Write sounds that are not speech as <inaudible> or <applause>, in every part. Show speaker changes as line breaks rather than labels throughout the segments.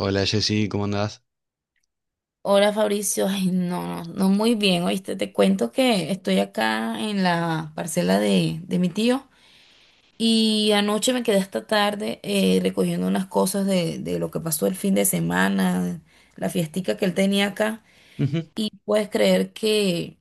Hola Jessy, ¿cómo andás?
Hola Fabricio, <laughs> ay no, no, no muy bien, oíste, te cuento que estoy acá en la parcela de mi tío y anoche me quedé hasta tarde recogiendo unas cosas de lo que pasó el fin de semana, la fiestica que él tenía acá.
Ujú.
Puedes creer que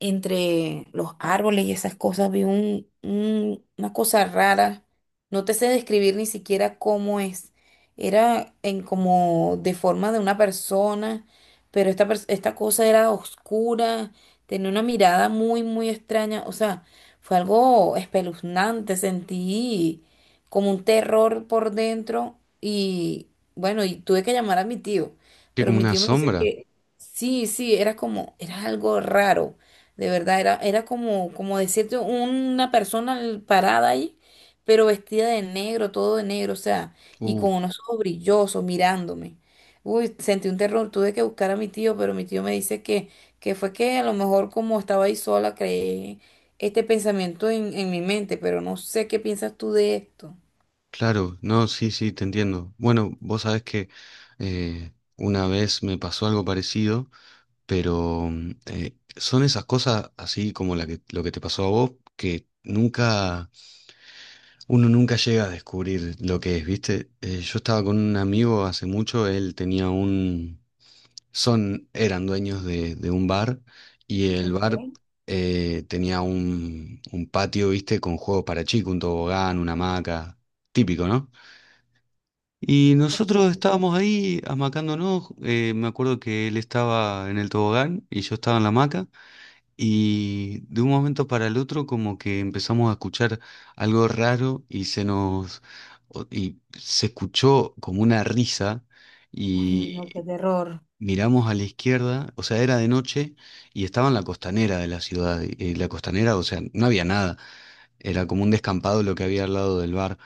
entre los árboles y esas cosas vi una cosa rara. No te sé describir ni siquiera cómo es. Era en como de forma de una persona, pero esta cosa era oscura, tenía una mirada muy extraña. O sea, fue algo espeluznante. Sentí como un terror por dentro y bueno, y tuve que llamar a mi tío,
Que
pero
como
mi
una
tío me dice
sombra.
que sí, sí, era como, era algo raro. De verdad, era como, como decirte una persona parada ahí, pero vestida de negro, todo de negro, o sea, y
Uh,
con unos ojos brillosos mirándome. Uy, sentí un terror, tuve que buscar a mi tío, pero mi tío me dice que fue que a lo mejor como estaba ahí sola, creé este pensamiento en mi mente, pero no sé qué piensas tú de esto.
claro, no, sí, sí, te entiendo. Bueno, vos sabés que una vez me pasó algo parecido, pero mm, son esas cosas así como la que, lo que te pasó a vos, que nunca, uno nunca llega a descubrir lo que es, ¿viste? Yo estaba con un amigo hace mucho, él tenía un son, eran dueños de un bar y el
Ok,
bar tenía un patio, viste, con juegos para chicos, un tobogán, una hamaca, típico, ¿no? Y
ok.
nosotros estábamos ahí amacándonos, me acuerdo que él estaba en el tobogán y yo estaba en la hamaca, y de un momento para el otro como que empezamos a escuchar algo raro y se se escuchó como una risa. Mm.
Ay, no, qué
Y
terror.
miramos a la izquierda, o sea, era de noche y estaba en la costanera de la ciudad. Y la costanera, o sea, no había nada. Era como un descampado lo que había al lado del bar.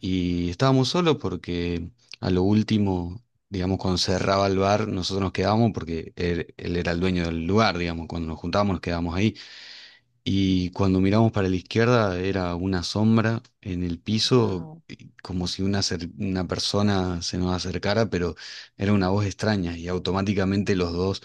Y estábamos solos porque a lo último, digamos, cuando cerraba el bar, nosotros nos quedábamos porque él era el dueño del lugar, digamos, cuando nos juntábamos nos quedábamos ahí. Y cuando miramos para la izquierda era una sombra en el piso,
Wow.
como si una, una persona se nos acercara, pero era una voz extraña y automáticamente los dos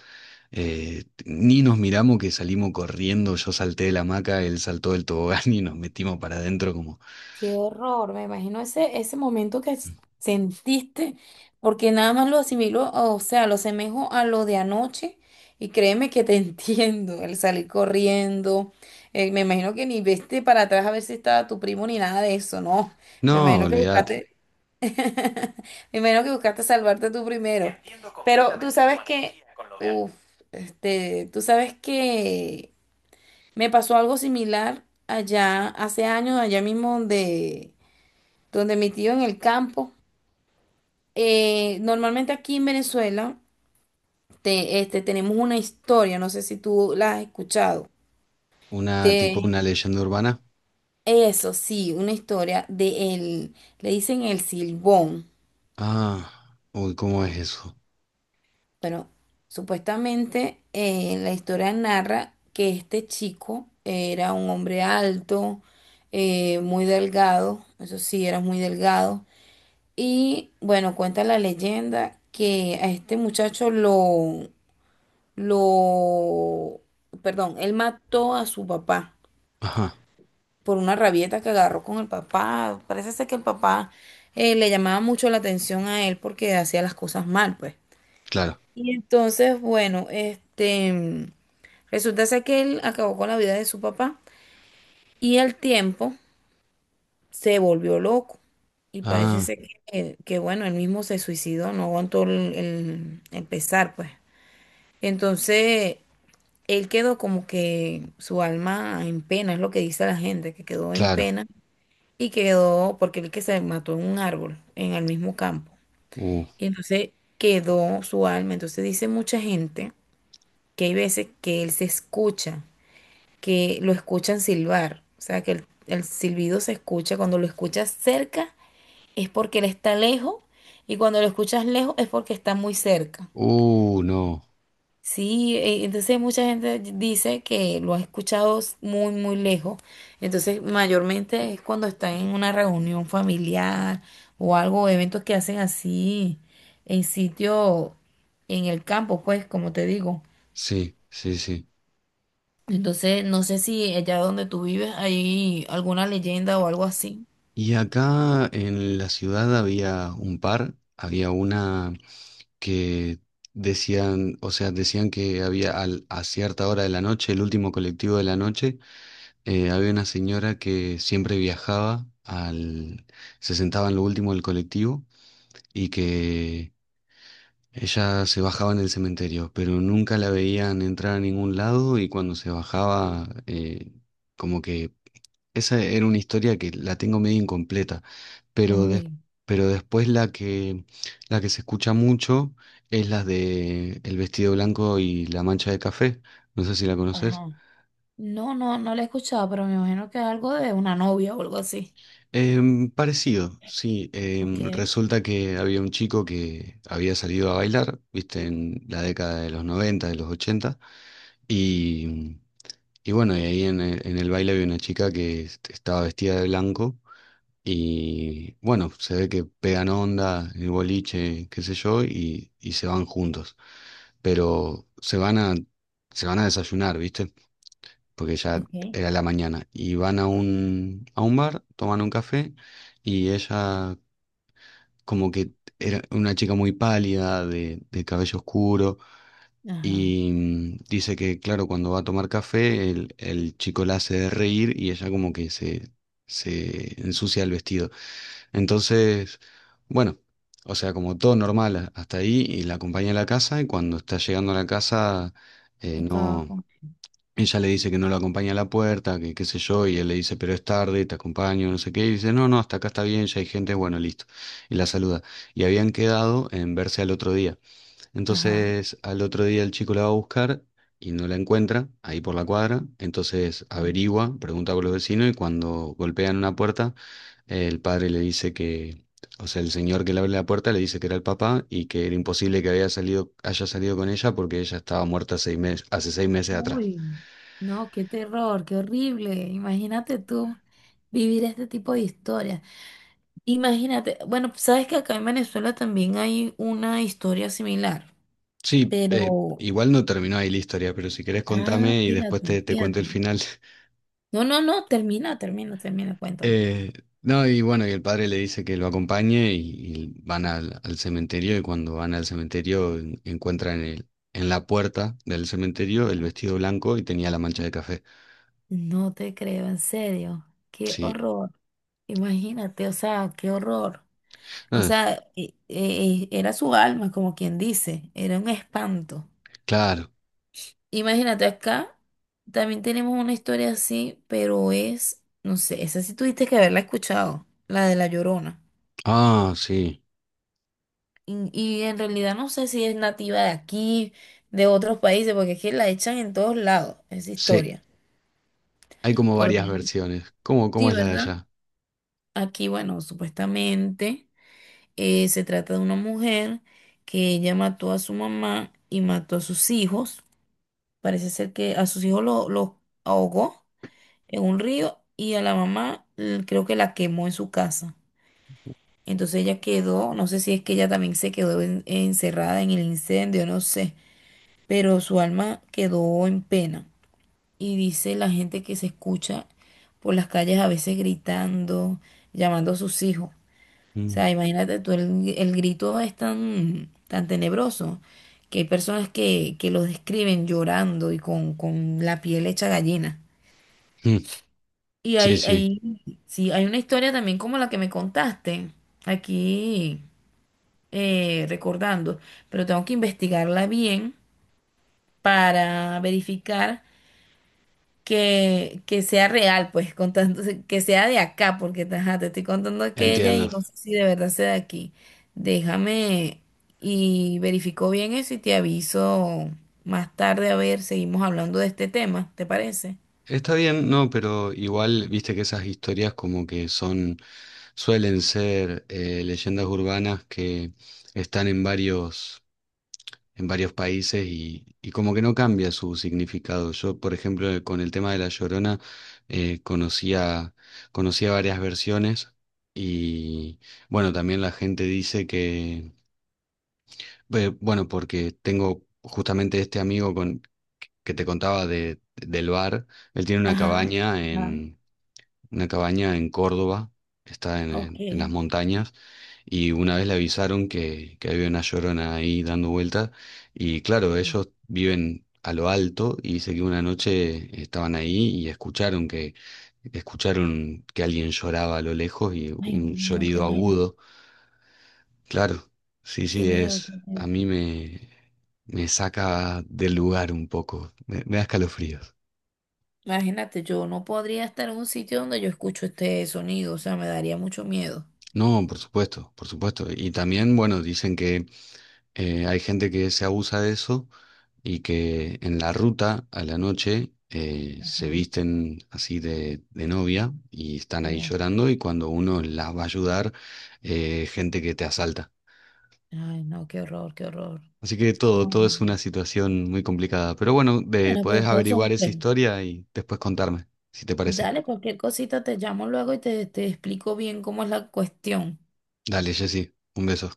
ni nos miramos que salimos corriendo, yo salté de la hamaca, él saltó del tobogán <laughs> y nos metimos para adentro como...
Qué horror, me imagino ese momento que sentiste, porque nada más lo asimilo, o sea, lo asemejo a lo de anoche y créeme que te <laughs> entiendo, el salir corriendo, me imagino que ni viste para atrás a ver si estaba tu primo ni nada de eso, no, me
No,
imagino que
olvídate,
buscaste, <laughs> me imagino que buscaste salvarte tú primero, pero tú sabes que, uff, tú sabes que me pasó algo similar allá hace años, allá mismo donde donde mi tío en el campo. Normalmente aquí en Venezuela tenemos una historia, no sé si tú la has escuchado.
una tipo
De
una leyenda urbana.
eso, sí, una historia de el, le dicen el Silbón.
Ah, uy, ¿cómo es eso?
Bueno, supuestamente la historia narra que este chico era un hombre alto, muy delgado, eso sí, era muy delgado. Y bueno, cuenta la leyenda que a este muchacho lo, perdón, él mató a su papá
Ajá,
por una rabieta que agarró con el papá. Parece ser que el papá le llamaba mucho la atención a él porque hacía las cosas mal, pues.
claro.
Y entonces, bueno, resulta ser que él acabó con la vida de su papá y al tiempo se volvió loco. Y parece
Ah,
ser que, bueno, él mismo se suicidó, no aguantó el pesar, pues. Entonces, él quedó como que su alma en pena, es lo que dice la gente, que quedó en
claro.
pena y quedó porque él que se mató en un árbol, en el mismo campo.
Uh,
Y entonces quedó su alma. Entonces dice mucha gente que hay veces que él se escucha, que lo escuchan silbar. O sea, que el silbido se escucha. Cuando lo escuchas cerca es porque él está lejos y cuando lo escuchas lejos es porque está muy cerca.
no.
Sí, entonces mucha gente dice que lo ha escuchado muy, muy lejos. Entonces, mayormente es cuando están en una reunión familiar o algo, eventos que hacen así en sitio, en el campo, pues, como te digo.
Sí, sí, sí.
Entonces, no sé si allá donde tú vives hay alguna leyenda o algo así.
Y acá en la ciudad había un par, había una que decían, o sea, decían que había a cierta hora de la noche, el último colectivo de la noche, había una señora que siempre viajaba se sentaba en lo último del colectivo, y que ella se bajaba en el cementerio, pero nunca la veían entrar a ningún lado, y cuando se bajaba, como que esa era una historia que la tengo medio incompleta, pero,
Uy,
des- pero después la que se escucha mucho es la de El vestido blanco y la mancha de café. No sé si la conoces.
ajá. No, no, no la he escuchado, pero me imagino que es algo de una novia o algo así.
Em, parecido, sí.
Ok,
Em, resulta que había un chico que había salido a bailar, viste, en la década de los noventa, de los ochenta, y, y bueno, y ahí en el baile había una chica que estaba vestida de blanco. Y bueno, se ve que pegan onda, el boliche, qué sé yo, y se van juntos. Pero se van se van a desayunar, ¿viste? Porque ya
ok.
era la mañana. Y van a un bar, toman un café, y ella como que era una chica muy pálida, de cabello oscuro,
Ajá.
y mm, dice que, claro, cuando va a tomar café, el chico la hace de reír y ella como que se ensucia el vestido. Entonces, bueno, o sea, como todo normal hasta ahí, y la acompaña a la casa, y cuando está llegando a la casa,
Acaba
no,
con.
ella le dice que no lo acompaña a la puerta, que qué sé yo, y él le dice, pero es tarde, te acompaño, no sé qué, y dice, no, no, hasta acá está bien, ya hay gente, bueno, listo, y la saluda. Y habían quedado en verse al otro día.
Ajá.
Entonces al otro día el chico la va a buscar y no la encuentra ahí por la cuadra. Entonces averigua, pregunta por los vecinos, y cuando golpean una puerta, el padre le dice que, o sea, el señor que le abre la puerta le dice que era el papá, y que era imposible que haya salido con ella, porque ella estaba muerta hace seis meses atrás.
Uy, no, qué terror, qué horrible. Imagínate tú vivir este tipo de historias. Imagínate, bueno, sabes que acá en Venezuela también hay una historia similar,
Sí,
pero,
igual no terminó ahí la historia, pero si querés
ah,
contame y después
fíjate,
te cuento el
fíjate.
final. <laughs>
No, no, no, termina, termina, termina, cuéntame.
Eh, no, y bueno, y el padre le dice que lo acompañe, y van al, al cementerio, y cuando van al cementerio encuentran el, en la puerta del cementerio, el vestido blanco y tenía la mancha de café.
No te creo, en serio, qué
Sí.
horror. Imagínate, o sea, qué horror. O
Ah,
sea, era su alma, como quien dice, era un espanto.
claro.
Imagínate acá, también tenemos una historia así, pero es, no sé, esa sí tuviste que haberla escuchado, la de La Llorona.
Ah, sí,
Y en realidad no sé si es nativa de aquí, de otros países, porque es que la echan en todos lados, esa
sí.
historia.
Hay como
Por lo
varias
menos,
versiones. ¿Cómo,
sí,
cómo es la de
¿verdad?
allá?
Aquí, bueno, supuestamente se trata de una mujer que ella mató a su mamá y mató a sus hijos. Parece ser que a sus hijos los ahogó en un río y a la mamá creo que la quemó en su casa. Entonces ella quedó, no sé si es que ella también se quedó encerrada en el incendio, no sé, pero su alma quedó en pena. Y dice la gente que se escucha por las calles a veces gritando, llamando a sus hijos. O
Mm.
sea, imagínate tú, el grito es tan tenebroso que hay personas que lo describen llorando y con la piel hecha gallina.
Mm.
Y
Sí, sí,
sí, hay una historia también como la que me contaste aquí recordando, pero tengo que investigarla bien para verificar que sea real, pues, contando, que sea de acá, porque ajá, te estoy contando aquella y
entiendo.
no sé si de verdad sea de aquí. Déjame y verifico bien eso y te aviso más tarde a ver, seguimos hablando de este tema, ¿te parece?
Está bien, no, pero igual viste que esas historias como que son, suelen ser leyendas urbanas que están en varios, en varios países, y como que no cambia su significado. Yo, por ejemplo, con el tema de La Llorona, eh, conocía, conocía varias versiones, y bueno, también la gente dice que, bueno, porque tengo justamente este amigo con, que te contaba del bar, él tiene una
Ajá,
cabaña
ajá,
una cabaña en Córdoba, está en en las
ok.
montañas. Y una vez le avisaron que había una llorona ahí dando vuelta. Y claro, ellos viven a lo alto y dice que una noche estaban ahí y escucharon escucharon que alguien lloraba a lo lejos, y
Ay,
un
no, qué
llorido
miedo.
agudo. Claro, sí,
Qué
sí,
miedo, qué
es, a
miedo.
mí me saca del lugar un poco, me da escalofríos.
Imagínate, yo no podría estar en un sitio donde yo escucho este sonido, o sea, me daría mucho miedo.
No, por supuesto, por supuesto. Y también, bueno, dicen que hay gente que se abusa de eso, y que en la ruta a la noche
Ajá,
se visten así de novia y están ahí
no,
llorando, y cuando uno las va a ayudar, gente que te asalta.
ay, no, qué horror, qué horror.
Así que todo,
No,
todo
no,
es una
no.
situación muy complicada. Pero bueno, de,
Bueno,
podés
pero todos
averiguar
son
esa
sueños.
historia y después contarme, si te parece.
Dale, cualquier cosita te llamo luego y te explico bien cómo es la cuestión.
Dale, Jessy, un beso.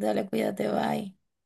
Dale, cuídate, bye.